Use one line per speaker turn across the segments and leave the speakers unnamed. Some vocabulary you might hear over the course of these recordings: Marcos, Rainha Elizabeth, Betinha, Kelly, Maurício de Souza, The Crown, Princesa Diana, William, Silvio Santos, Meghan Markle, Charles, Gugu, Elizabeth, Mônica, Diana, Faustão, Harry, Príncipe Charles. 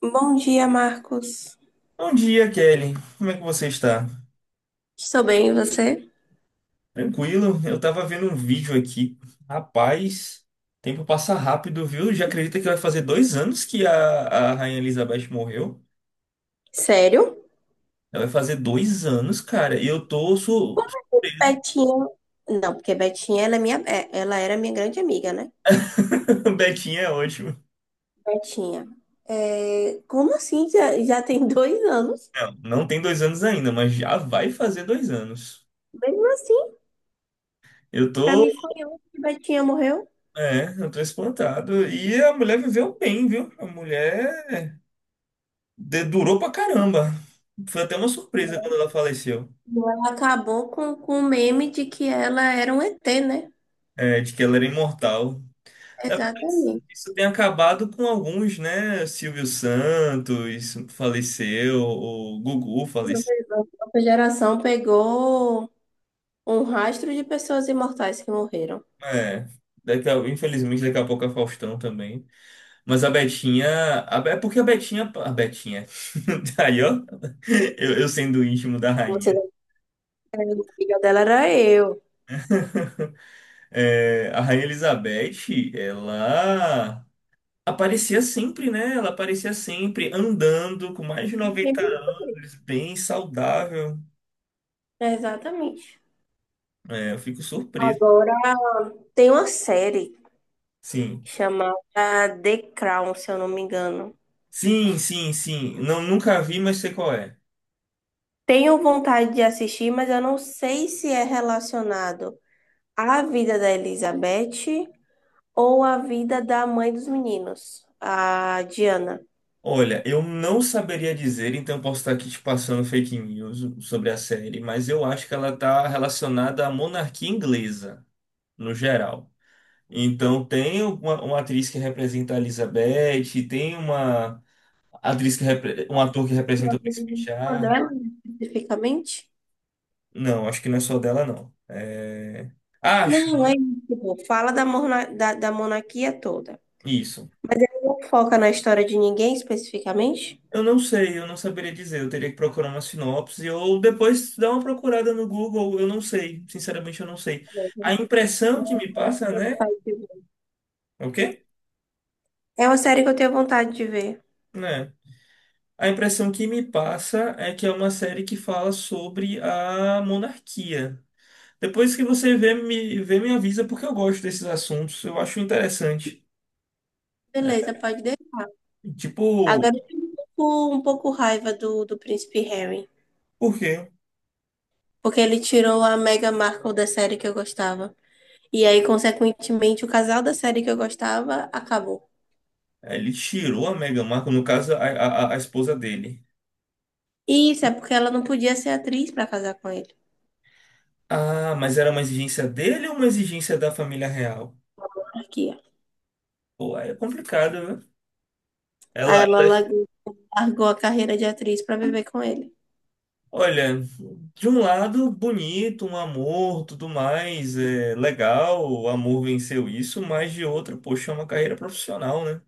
Bom dia, Marcos.
Bom dia, Kelly. Como é que você está?
Estou bem, e você?
Tranquilo? Eu tava vendo um vídeo aqui. Rapaz, tempo passa rápido, viu? Já acredita que vai fazer 2 anos que a Rainha Elizabeth morreu?
Sério?
Ela vai fazer 2 anos, cara. E eu tô
Como é que
surpreso.
Betinha. Não, porque Betinha ela era minha grande amiga, né?
Betinha é ótimo.
Betinha. É, como assim? Já tem 2 anos?
Não, não tem 2 anos ainda, mas já vai fazer 2 anos.
Mesmo assim,
Eu
pra
tô,
mim foi ontem que Betinha morreu.
eu tô espantado. E a mulher viveu bem, viu? A mulher durou pra caramba. Foi até uma surpresa quando ela faleceu.
Ela acabou com o meme de que ela era um ET, né?
É, de que ela era imortal. Na verdade, isso
Exatamente.
isso tem acabado com alguns, né? Silvio Santos faleceu, o Gugu faleceu.
Nossa geração pegou um rastro de pessoas imortais que morreram.
É, infelizmente, daqui a pouco a Faustão também. Mas a Betinha. É porque a Betinha. A Betinha. Aí, ó. Eu sendo íntimo da
Você, a
rainha.
amiga dela era eu.
É, a Rainha Elizabeth, ela aparecia sempre, né? Ela aparecia sempre andando com mais de 90 anos, bem saudável.
Exatamente.
É, eu fico surpreso.
Agora, tem uma série
Sim.
chamada The Crown, se eu não me engano.
Sim, sim, sim. Não, nunca vi, mas sei qual é.
Tenho vontade de assistir, mas eu não sei se é relacionado à vida da Elizabeth ou à vida da mãe dos meninos, a Diana.
Olha, eu não saberia dizer, então eu posso estar aqui te passando fake news sobre a série, mas eu acho que ela está relacionada à monarquia inglesa, no geral. Então tem uma atriz que representa a Elizabeth, tem uma atriz que repre- um ator que
A
representa o
vida
Príncipe
de uma
Charles.
delas, especificamente?
Não, acho que não é só dela, não. Acho
Não, é isso, pô. Fala da monarquia toda.
isso.
Mas ele não foca na história de ninguém especificamente?
Eu não sei, eu não saberia dizer. Eu teria que procurar uma sinopse ou depois dar uma procurada no Google. Eu não sei, sinceramente, eu não sei. A
Né?
impressão que me passa, né? O quê?
É uma série que eu tenho vontade de ver.
Né? A impressão que me passa é que é uma série que fala sobre a monarquia. Depois que você vê, me avisa, porque eu gosto desses assuntos. Eu acho interessante.
Beleza, pode deixar.
Tipo,
Agora eu tenho um pouco raiva do príncipe Harry.
por quê?
Porque ele tirou a Meghan Markle da série que eu gostava. E aí, consequentemente, o casal da série que eu gostava acabou.
Ele tirou a Meghan Markle, no caso, a esposa dele.
E isso é porque ela não podia ser atriz pra casar com ele.
Ah, mas era uma exigência dele ou uma exigência da família real?
Aqui, ó.
Pô, aí é complicado, viu?
Aí
Ela,
ela
ela-
largou a carreira de atriz pra viver com ele.
olha, de um lado, bonito, um amor, tudo mais, é legal, o amor venceu isso, mas de outro, poxa, é uma carreira profissional, né?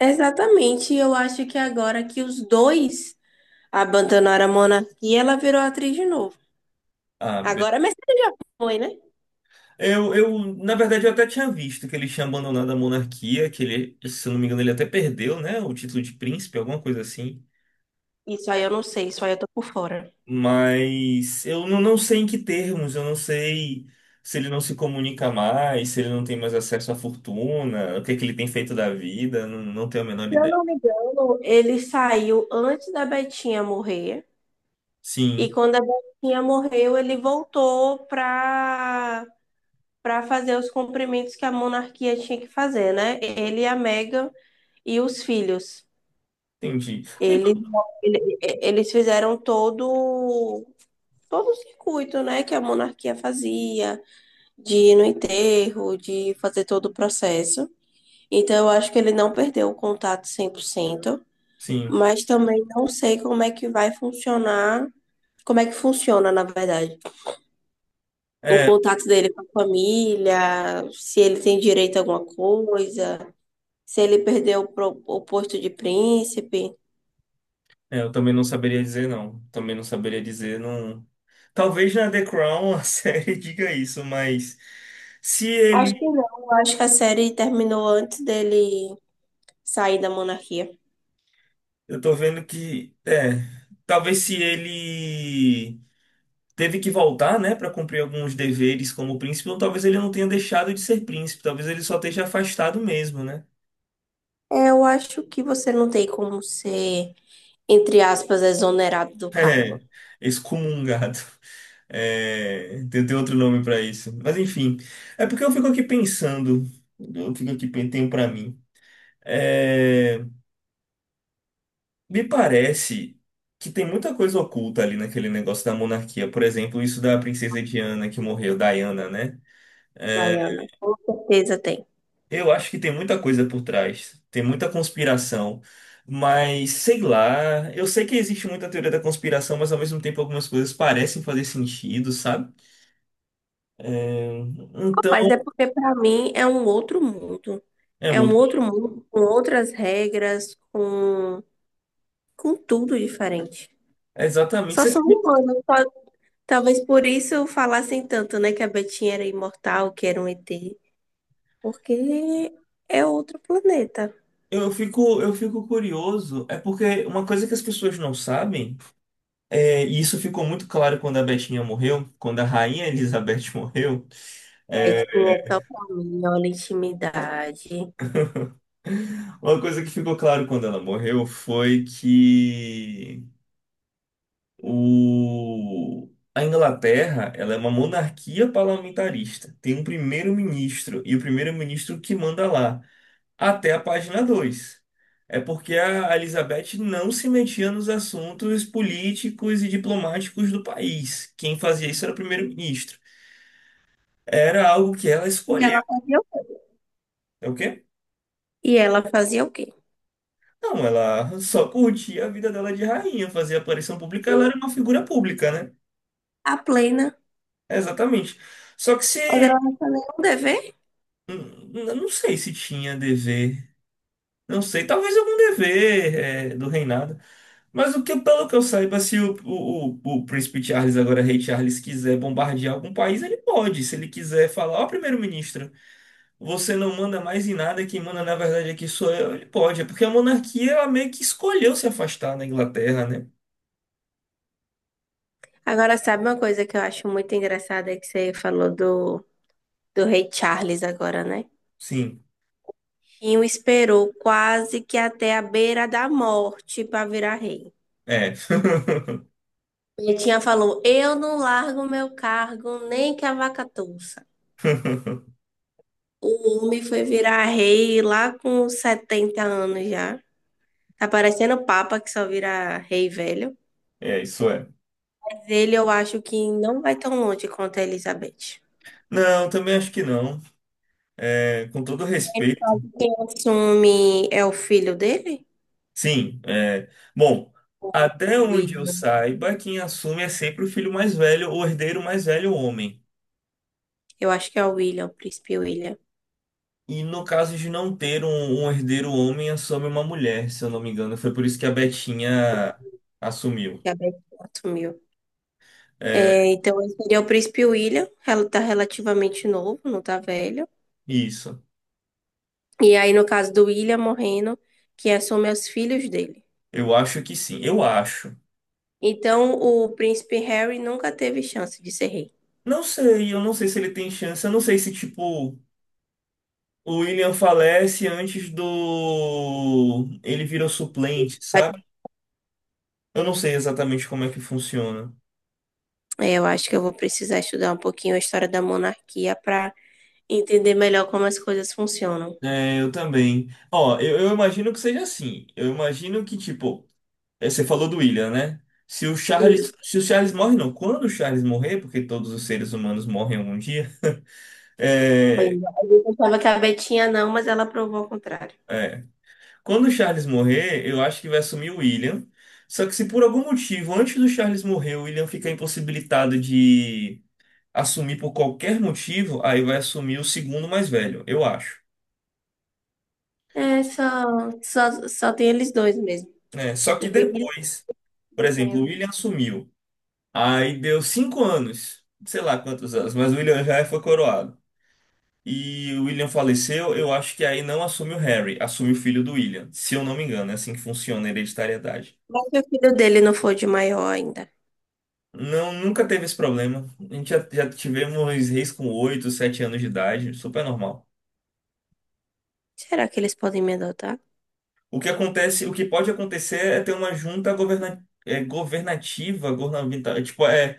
Exatamente. E eu acho que agora que os dois abandonaram a monarquia, ela virou atriz de novo.
Ah, be-
Agora é Mercedes, Moe, né?
na verdade, eu até tinha visto que ele tinha abandonado a monarquia, que ele, se eu não me engano, ele até perdeu, né? O título de príncipe, alguma coisa assim.
Isso aí eu não sei, isso aí eu tô por fora.
Mas eu não sei em que termos, eu não sei se ele não se comunica mais, se ele não tem mais acesso à fortuna, o que é que ele tem feito da vida, não, não tenho a menor
Se eu
ideia.
não me engano, ele saiu antes da Betinha morrer, e
Sim,
quando a Betinha morreu, ele voltou pra fazer os cumprimentos que a monarquia tinha que fazer, né? Ele, a Meghan e os filhos.
entendi. Então,
Eles, eles fizeram todo o circuito, né, que a monarquia fazia, de ir no enterro, de fazer todo o processo. Então, eu acho que ele não perdeu o contato 100%.
sim.
Mas também não sei como é que vai funcionar, como é que funciona, na verdade, o
É,
contato dele com a família, se ele tem direito a alguma coisa, se ele perdeu o posto de príncipe.
é, eu também não saberia dizer não. Também não saberia dizer não. Talvez na The Crown a série diga isso, mas se ele,
Acho que não, acho que a série terminou antes dele sair da monarquia.
eu tô vendo que, talvez se ele teve que voltar, né, para cumprir alguns deveres como príncipe, ou talvez ele não tenha deixado de ser príncipe, talvez ele só esteja afastado mesmo, né?
É, eu acho que você não tem como ser, entre aspas, exonerado do cargo.
É, excomungado. É, tem outro nome para isso. Mas enfim, é porque eu fico aqui pensando, eu fico aqui pen- tenho para mim. É, me parece que tem muita coisa oculta ali naquele negócio da monarquia. Por exemplo, isso da princesa Diana que morreu, Diana, né?
Diana. Com certeza tem.
Eu acho que tem muita coisa por trás, tem muita conspiração, mas sei lá, eu sei que existe muita teoria da conspiração, mas ao mesmo tempo algumas coisas parecem fazer sentido, sabe? É, então,
Mas é porque para mim é um outro mundo.
é
É um
muito.
outro mundo com outras regras, com tudo diferente.
Exatamente.
Só são humanos. Talvez por isso falassem tanto, né, que a Betinha era imortal, que era um ET, porque é outro planeta.
Eu fico curioso, é porque uma coisa que as pessoas não sabem, e isso ficou muito claro quando a Betinha morreu, quando a Rainha Elizabeth morreu, é,
Betinha é só pra mim, olha a intimidade.
uma coisa que ficou claro quando ela morreu foi que. O... A Inglaterra, ela é uma monarquia parlamentarista. Tem um primeiro-ministro e o primeiro-ministro que manda lá, até a página dois. É porque a Elizabeth não se metia nos assuntos políticos e diplomáticos do país. Quem fazia isso era o primeiro-ministro. Era algo que ela
E ela
escolheu.
fazia o quê?
É o quê?
E ela fazia o quê?
Não, ela só curtia a vida dela de rainha, fazia aparição pública, ela era uma figura pública, né?
A plena.
Exatamente. Só que se.
Mas ela não tinha nenhum dever.
Eu não sei se tinha dever. Não sei, talvez algum dever do reinado. Mas o que, pelo que eu saiba, se o príncipe Charles, agora rei Charles, quiser bombardear algum país, ele pode. Se ele quiser falar, ó, primeiro-ministro, você não manda mais em nada, quem manda na verdade aqui sou eu, ele pode. É porque a monarquia, ela meio que escolheu se afastar da Inglaterra, né?
Agora, sabe uma coisa que eu acho muito engraçada é que você falou do Rei Charles agora, né?
Sim,
Rinho esperou quase que até a beira da morte para virar rei.
é.
Betinha falou: Eu não largo meu cargo nem que a vaca touça. O homem foi virar rei lá com 70 anos já. Tá parecendo o Papa que só vira rei velho.
É, isso é.
Mas ele eu acho que não vai tão longe quanto a Elizabeth.
Não, também acho que não. É, com todo respeito.
Quem assume é o filho dele?
Sim, é. Bom, até
O
onde
Will.
eu saiba, quem assume é sempre o filho mais velho, o herdeiro mais velho, o homem.
Eu acho que é o William, o príncipe William,
E no caso de não ter um herdeiro homem, assume uma mulher, se eu não me engano. Foi por isso que a Betinha assumiu.
que a Betinha assumiu. É, então, esse seria o príncipe William, ela tá relativamente novo, não tá velho.
Isso.
E aí, no caso do William morrendo, quem assume é os filhos dele.
Eu acho que sim. Eu acho.
Então, o príncipe Harry nunca teve chance de ser rei.
Não sei, eu não sei se ele tem chance. Eu não sei se, tipo, o William falece antes do. Ele vira o suplente, sabe? Eu não sei exatamente como é que funciona.
É, eu acho que eu vou precisar estudar um pouquinho a história da monarquia para entender melhor como as coisas funcionam.
É, eu também. Ó, eu imagino que seja assim. Eu imagino que, tipo, você falou do William, né? Se o
E
Charles, se o Charles morre, não. Quando o Charles morrer, porque todos os seres humanos morrem algum dia.
pois é,
é,
a gente achava que a Betinha não, mas ela provou ao contrário.
é. Quando o Charles morrer, eu acho que vai assumir o William. Só que se por algum motivo, antes do Charles morrer, o William ficar impossibilitado de assumir por qualquer motivo, aí vai assumir o segundo mais velho, eu acho.
É, só tem eles dois mesmo.
É, só
O
que
William
depois,
e
por
o
exemplo, o
Harry.
William assumiu. Aí deu 5 anos, sei lá quantos anos, mas o William já foi coroado. E o William faleceu, eu acho que aí não assume o Harry, assume o filho do William, se eu não me engano, é assim que funciona a hereditariedade.
Mas se o filho dele não for de maior ainda.
Não, nunca teve esse problema. A gente já tivemos reis com 8, 7 anos de idade, super normal.
Será que eles podem me adotar?
O que acontece, o que pode acontecer é ter uma junta governativa, governamental, tipo, é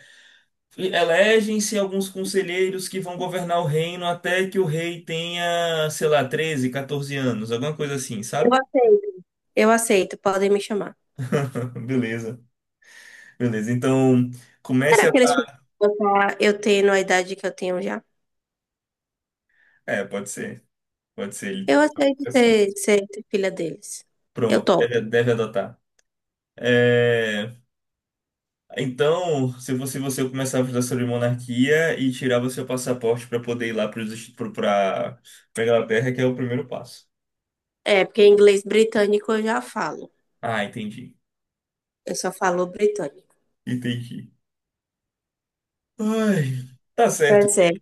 E elegem-se alguns conselheiros que vão governar o reino até que o rei tenha, sei lá, 13, 14 anos, alguma coisa assim,
Eu
sabe?
aceito. Eu aceito, podem me chamar.
Beleza, beleza. Então, comece
Será
a.
que eles podem me adotar eu tendo a idade que eu tenho já?
É, pode ser, pode ser.
Eu aceito ser filha deles. Eu
Pronto, deve,
topo.
deve adotar. É, então, se você começava a estudar sobre monarquia e tirava seu passaporte para poder ir lá para Inglaterra, que é o primeiro passo.
É, porque inglês britânico eu já falo.
Ah, entendi,
Eu só falo britânico.
entendi. Ai, tá certo.
Percebe?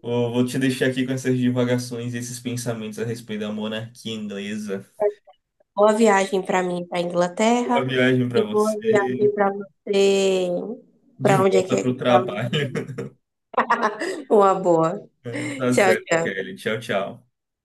Vou te deixar aqui com essas divagações e esses pensamentos a respeito da monarquia inglesa.
Boa viagem para mim para
Boa
Inglaterra
viagem para
e boa
você.
viagem para você
De volta para o
para onde
trabalho.
você vai. Uma boa.
Tá
Tchau,
certo,
tchau.
Kelly. Tchau, tchau.